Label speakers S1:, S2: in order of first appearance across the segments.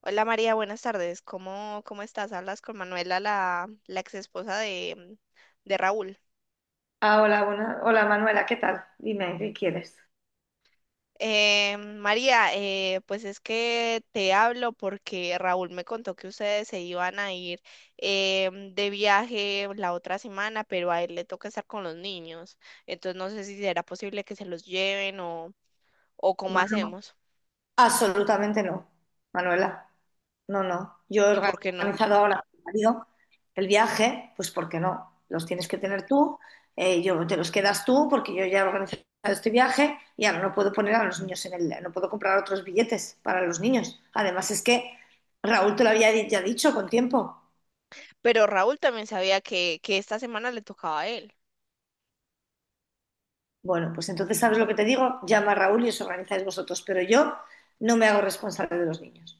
S1: Hola María, buenas tardes. ¿Cómo estás? Hablas con Manuela, la ex esposa de Raúl.
S2: Ah, hola, hola Manuela, ¿qué tal? Dime, ¿qué quieres?
S1: María, pues es que te hablo porque Raúl me contó que ustedes se iban a ir de viaje la otra semana, pero a él le toca estar con los niños. Entonces no sé si será posible que se los lleven o cómo
S2: Manu-
S1: hacemos
S2: Absolutamente no, Manuela. No, no. Yo
S1: y
S2: he
S1: por qué no.
S2: organizado ahora con mi marido el viaje, pues porque no? Los tienes que tener tú, yo te los quedas tú, porque yo ya he organizado este viaje y ahora no puedo poner a los niños en el, no puedo comprar otros billetes para los niños. Además es que Raúl te lo había ya dicho con tiempo.
S1: Pero Raúl también sabía que esta semana le tocaba a él.
S2: Bueno, pues entonces, ¿sabes lo que te digo? Llama a Raúl y os organizáis vosotros, pero yo no me hago responsable de los niños.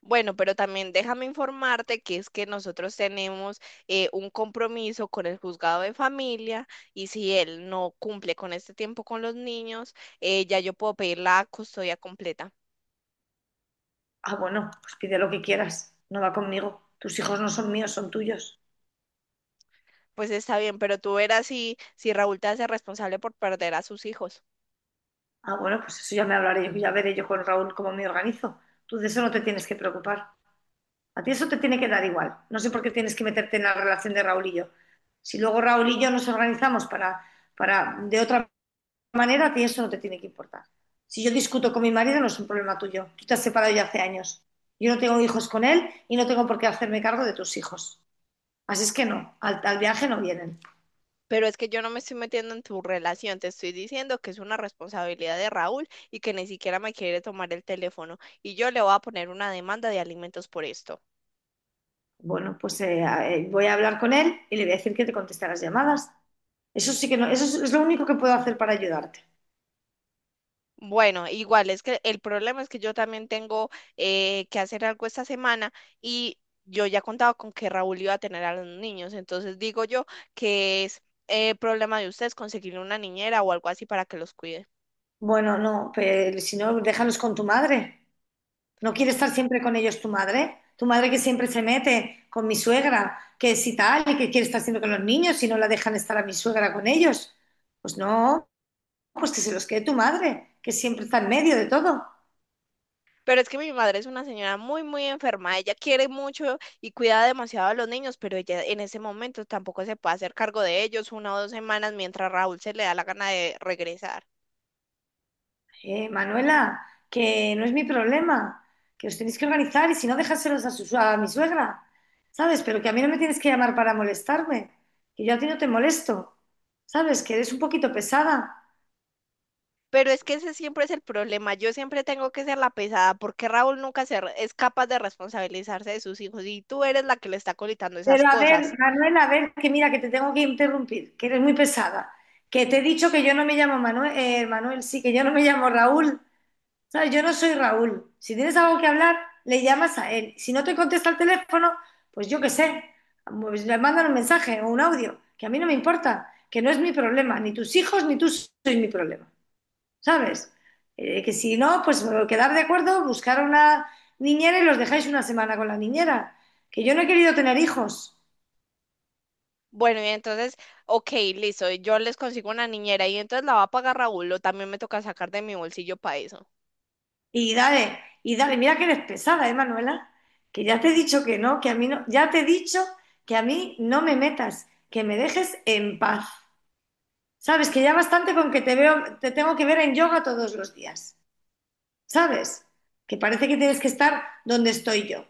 S1: Bueno, pero también déjame informarte que es que nosotros tenemos un compromiso con el juzgado de familia y si él no cumple con este tiempo con los niños, ya yo puedo pedir la custodia completa.
S2: Ah, bueno, pues pide lo que quieras, no va conmigo. Tus hijos no son míos, son tuyos.
S1: Pues está bien, pero tú verás si, si Raúl te hace responsable por perder a sus hijos.
S2: Ah, bueno, pues eso ya me hablaré yo, ya veré yo con Raúl cómo me organizo. Tú de eso no te tienes que preocupar. A ti eso te tiene que dar igual. No sé por qué tienes que meterte en la relación de Raúl y yo. Si luego Raúl y yo nos organizamos para de otra manera, a ti eso no te tiene que importar. Si yo discuto con mi marido, no es un problema tuyo. Tú te has separado ya hace años. Yo no tengo hijos con él y no tengo por qué hacerme cargo de tus hijos. Así es que no, al viaje no vienen.
S1: Pero es que yo no me estoy metiendo en tu relación, te estoy diciendo que es una responsabilidad de Raúl y que ni siquiera me quiere tomar el teléfono y yo le voy a poner una demanda de alimentos por esto.
S2: Bueno, pues voy a hablar con él y le voy a decir que te conteste las llamadas. Eso sí que no, eso es lo único que puedo hacer para ayudarte.
S1: Bueno, igual es que el problema es que yo también tengo que hacer algo esta semana y yo ya contaba con que Raúl iba a tener a los niños, entonces digo yo que es problema de ustedes conseguirle una niñera o algo así para que los cuide.
S2: Bueno, no, pero si no, déjalos con tu madre. ¿No quiere estar siempre con ellos tu madre? Tu madre que siempre se mete con mi suegra, que si tal, y que quiere estar siempre con los niños y no la dejan estar a mi suegra con ellos. Pues no, pues que se los quede tu madre, que siempre está en medio de todo.
S1: Pero es que mi madre es una señora muy, muy enferma, ella quiere mucho y cuida demasiado a los niños, pero ella en ese momento tampoco se puede hacer cargo de ellos una o dos semanas mientras Raúl se le da la gana de regresar.
S2: Manuela, que no es mi problema, que os tenéis que organizar y si no, dejárselos a, su, a mi suegra, ¿sabes? Pero que a mí no me tienes que llamar para molestarme, que yo a ti no te molesto, ¿sabes? Que eres un poquito pesada.
S1: Pero es que ese siempre es el problema. Yo siempre tengo que ser la pesada porque Raúl nunca es capaz de responsabilizarse de sus hijos y tú eres la que le está colitando esas
S2: Pero a
S1: cosas.
S2: ver, Manuela, a ver, que mira, que te tengo que interrumpir, que eres muy pesada, que te he dicho que yo no me llamo Manuel, Manuel, sí, que yo no me llamo Raúl, ¿sabes? Yo no soy Raúl. Si tienes algo que hablar, le llamas a él. Si no te contesta el teléfono, pues yo qué sé, pues le mandan un mensaje o un audio, que a mí no me importa, que no es mi problema, ni tus hijos ni tú sois mi problema, ¿sabes? Que si no, pues quedar de acuerdo, buscar una niñera y los dejáis una semana con la niñera. Que yo no he querido tener hijos.
S1: Bueno, y entonces, ok, listo, y yo les consigo una niñera y entonces la va a pagar Raúl o también me toca sacar de mi bolsillo para eso.
S2: Y dale, mira que eres pesada, ¿eh, Manuela? Que ya te he dicho que no, que a mí no, ya te he dicho que a mí no me metas, que me dejes en paz. Sabes que ya bastante con que te veo, te tengo que ver en yoga todos los días. ¿Sabes? Que parece que tienes que estar donde estoy yo.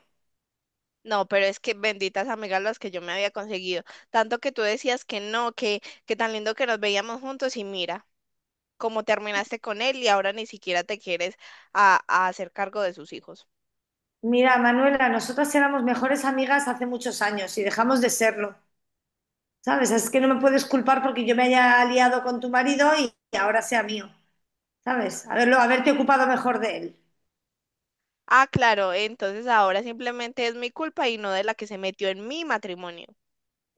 S1: No, pero es que benditas amigas las que yo me había conseguido. Tanto que tú decías que no, que tan lindo que nos veíamos juntos y mira, cómo terminaste con él y ahora ni siquiera te quieres a hacer cargo de sus hijos.
S2: Mira, Manuela, nosotras éramos mejores amigas hace muchos años y dejamos de serlo. ¿Sabes? Es que no me puedes culpar porque yo me haya aliado con tu marido y ahora sea mío. ¿Sabes? Haberlo, haberte ocupado mejor de él.
S1: Ah, claro, entonces ahora simplemente es mi culpa y no de la que se metió en mi matrimonio.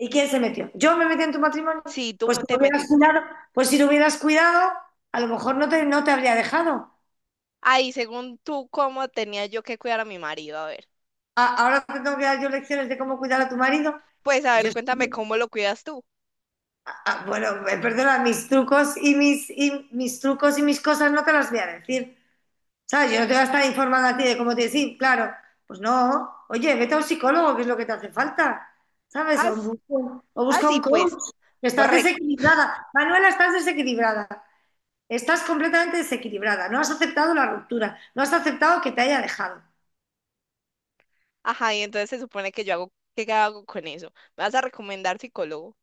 S2: ¿Y quién se metió? ¿Yo me metí en tu matrimonio?
S1: Sí, tú
S2: Pues si
S1: te
S2: lo hubieras
S1: metiste.
S2: cuidado, pues si lo hubieras cuidado, a lo mejor no te, no te habría dejado.
S1: Ahí, según tú, ¿cómo tenía yo que cuidar a mi marido? A ver.
S2: Ahora te tengo que dar yo lecciones de cómo cuidar a tu marido.
S1: Pues, a ver,
S2: Yo,
S1: cuéntame cómo lo cuidas tú.
S2: bueno, perdona, mis trucos y mis trucos y mis cosas no te las voy a decir. ¿Sabes? Yo no te voy a estar informando a ti de cómo te decir, claro. Pues no, oye, vete a un psicólogo, que es lo que te hace falta. ¿Sabes?
S1: As-
S2: O busca un
S1: Así, pues,
S2: coach, que estás
S1: correcto.
S2: desequilibrada. Manuela, estás desequilibrada. Estás completamente desequilibrada, no has aceptado la ruptura, no has aceptado que te haya dejado.
S1: Ajá, y entonces se supone que yo hago, ¿qué hago con eso? ¿Me vas a recomendar psicólogo?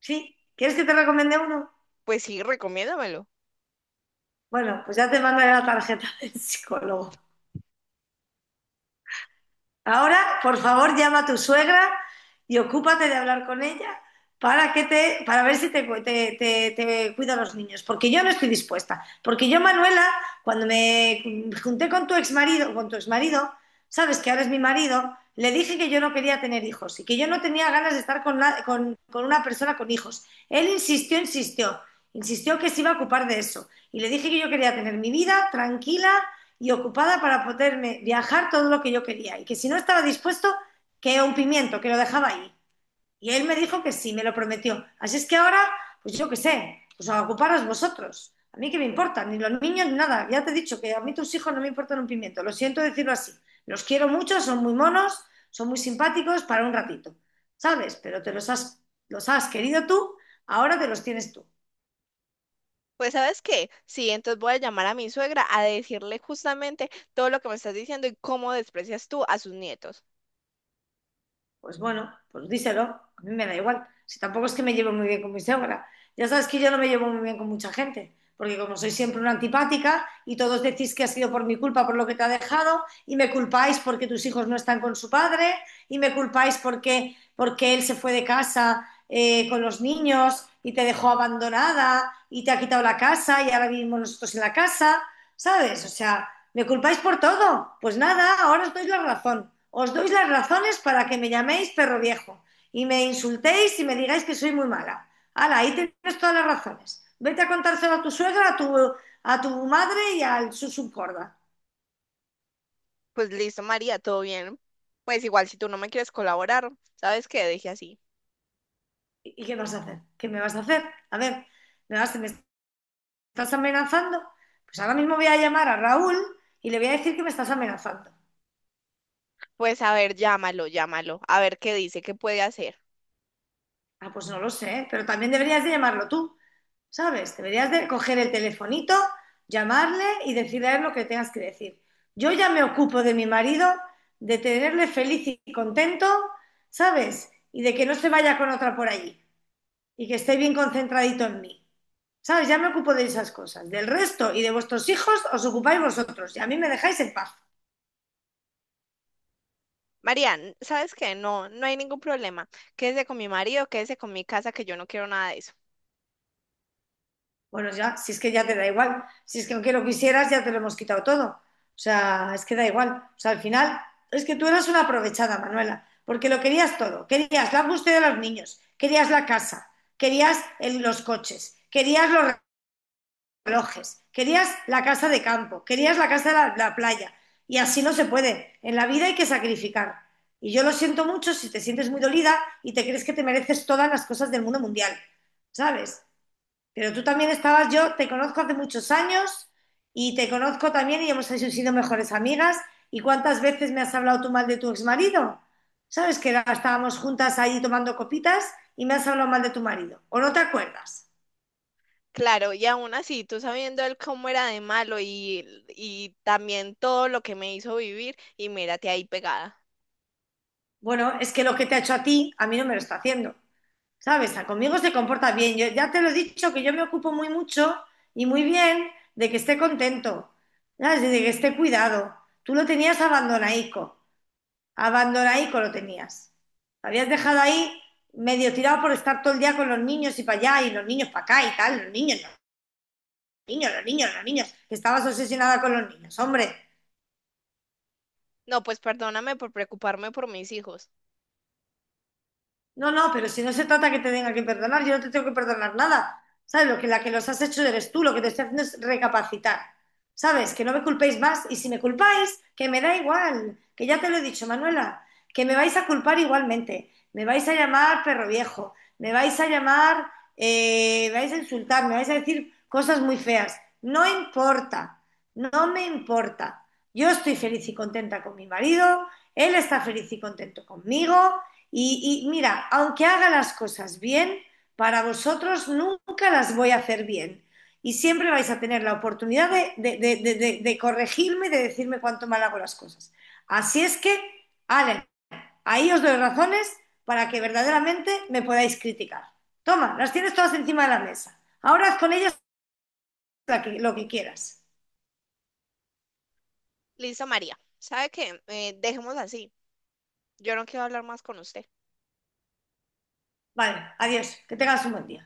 S2: ¿Sí? ¿Quieres que te recomiende uno?
S1: Pues sí, recomiéndamelo.
S2: Bueno, pues ya te mandaré la tarjeta del psicólogo. Ahora, por favor, llama a tu suegra y ocúpate de hablar con ella para que te, para ver si te, te, te cuida los niños. Porque yo no estoy dispuesta. Porque yo, Manuela, cuando me junté con tu exmarido, sabes que ahora es mi marido, le dije que yo no quería tener hijos y que yo no tenía ganas de estar con, con una persona con hijos. Él insistió, insistió, insistió que se iba a ocupar de eso. Y le dije que yo quería tener mi vida tranquila y ocupada para poderme viajar todo lo que yo quería y que si no estaba dispuesto, que un pimiento, que lo dejaba ahí. Y él me dijo que sí, me lo prometió. Así es que ahora, pues yo qué sé, pues a ocuparos vosotros. A mí qué me importa, ni los niños ni nada. Ya te he dicho que a mí tus hijos no me importan un pimiento. Lo siento decirlo así. Los quiero mucho, son muy monos, son muy simpáticos para un ratito, ¿sabes? Pero te los has querido tú, ahora te los tienes tú.
S1: Pues, ¿sabes qué? Sí, entonces voy a llamar a mi suegra a decirle justamente todo lo que me estás diciendo y cómo desprecias tú a sus nietos.
S2: Pues bueno, pues díselo, a mí me da igual. Si tampoco es que me llevo muy bien con mi suegra. Ya sabes que yo no me llevo muy bien con mucha gente, porque como soy siempre una antipática y todos decís que ha sido por mi culpa, por lo que te ha dejado, y me culpáis porque tus hijos no están con su padre, y me culpáis porque, porque él se fue de casa con los niños y te dejó abandonada y te ha quitado la casa y ahora vivimos nosotros en la casa, ¿sabes? O sea, me culpáis por todo. Pues nada, ahora os doy la razón. Os doy las razones para que me llaméis perro viejo y me insultéis y me digáis que soy muy mala. Hala, ahí tienes todas las razones. Vete a contárselo a tu suegra, a tu madre y al su subcorda.
S1: Pues listo, María, todo bien. Pues igual si tú no me quieres colaborar, ¿sabes qué? Deje así.
S2: ¿Y qué vas a hacer? ¿Qué me vas a hacer? A ver, ¿me estás amenazando? Pues ahora mismo voy a llamar a Raúl y le voy a decir que me estás amenazando.
S1: Pues a ver, llámalo, llámalo, a ver qué dice, qué puede hacer.
S2: Ah, pues no lo sé, pero también deberías de llamarlo tú. ¿Sabes? Deberías de coger el telefonito, llamarle y decirle a él lo que tengas que decir. Yo ya me ocupo de mi marido, de tenerle feliz y contento, ¿sabes? Y de que no se vaya con otra por allí y que esté bien concentradito en mí. ¿Sabes? Ya me ocupo de esas cosas. Del resto y de vuestros hijos os ocupáis vosotros y a mí me dejáis en paz.
S1: María, ¿sabes qué? No, no hay ningún problema. Quédese con mi marido, quédese con mi casa, que yo no quiero nada de eso.
S2: Bueno, ya, si es que ya te da igual, si es que aunque lo quisieras, ya te lo hemos quitado todo. O sea, es que da igual. O sea, al final, es que tú eras una aprovechada, Manuela, porque lo querías todo. Querías la búsqueda de los niños, querías la casa, querías los coches, querías los relojes, querías la casa de campo, querías la casa de la, la playa. Y así no se puede. En la vida hay que sacrificar. Y yo lo siento mucho si te sientes muy dolida y te crees que te mereces todas las cosas del mundo mundial, ¿sabes? Pero tú también estabas, yo te conozco hace muchos años y te conozco también y hemos sido mejores amigas. ¿Y cuántas veces me has hablado tú mal de tu exmarido? ¿Sabes que estábamos juntas ahí tomando copitas y me has hablado mal de tu marido? ¿O no te acuerdas?
S1: Claro, y aún así, tú sabiendo él cómo era de malo y también todo lo que me hizo vivir, y mírate ahí pegada.
S2: Bueno, es que lo que te ha hecho a ti, a mí no me lo está haciendo. ¿Sabes? A conmigo se comporta bien. Yo ya te lo he dicho que yo me ocupo muy mucho y muy bien de que esté contento, ¿sabes? Y de que esté cuidado. Tú lo tenías abandonaico. Abandona ahí con lo tenías. Lo habías dejado ahí medio tirado por estar todo el día con los niños y para allá, y los niños para acá y tal, los niños, los niños, los niños, que estabas obsesionada con los niños, hombre.
S1: No, pues perdóname por preocuparme por mis hijos.
S2: No, no, pero si no se trata que te tenga que perdonar, yo no te tengo que perdonar nada. ¿Sabes? Lo que, la que los has hecho eres tú, lo que te estoy haciendo es recapacitar. ¿Sabes? Que no me culpéis más y si me culpáis, que me da igual, que ya te lo he dicho, Manuela, que me vais a culpar igualmente, me vais a llamar perro viejo, me vais a llamar, me vais a insultar, me vais a decir cosas muy feas. No importa, no me importa. Yo estoy feliz y contenta con mi marido, él está feliz y contento conmigo y mira, aunque haga las cosas bien, para vosotros nunca las voy a hacer bien. Y siempre vais a tener la oportunidad de, de corregirme, de decirme cuánto mal hago las cosas. Así es que, Ale, ahí os doy razones para que verdaderamente me podáis criticar. Toma, las tienes todas encima de la mesa. Ahora haz con ellas lo que quieras.
S1: Listo, María. ¿Sabe qué? Dejemos así. Yo no quiero hablar más con usted.
S2: Vale, adiós, que tengas un buen día.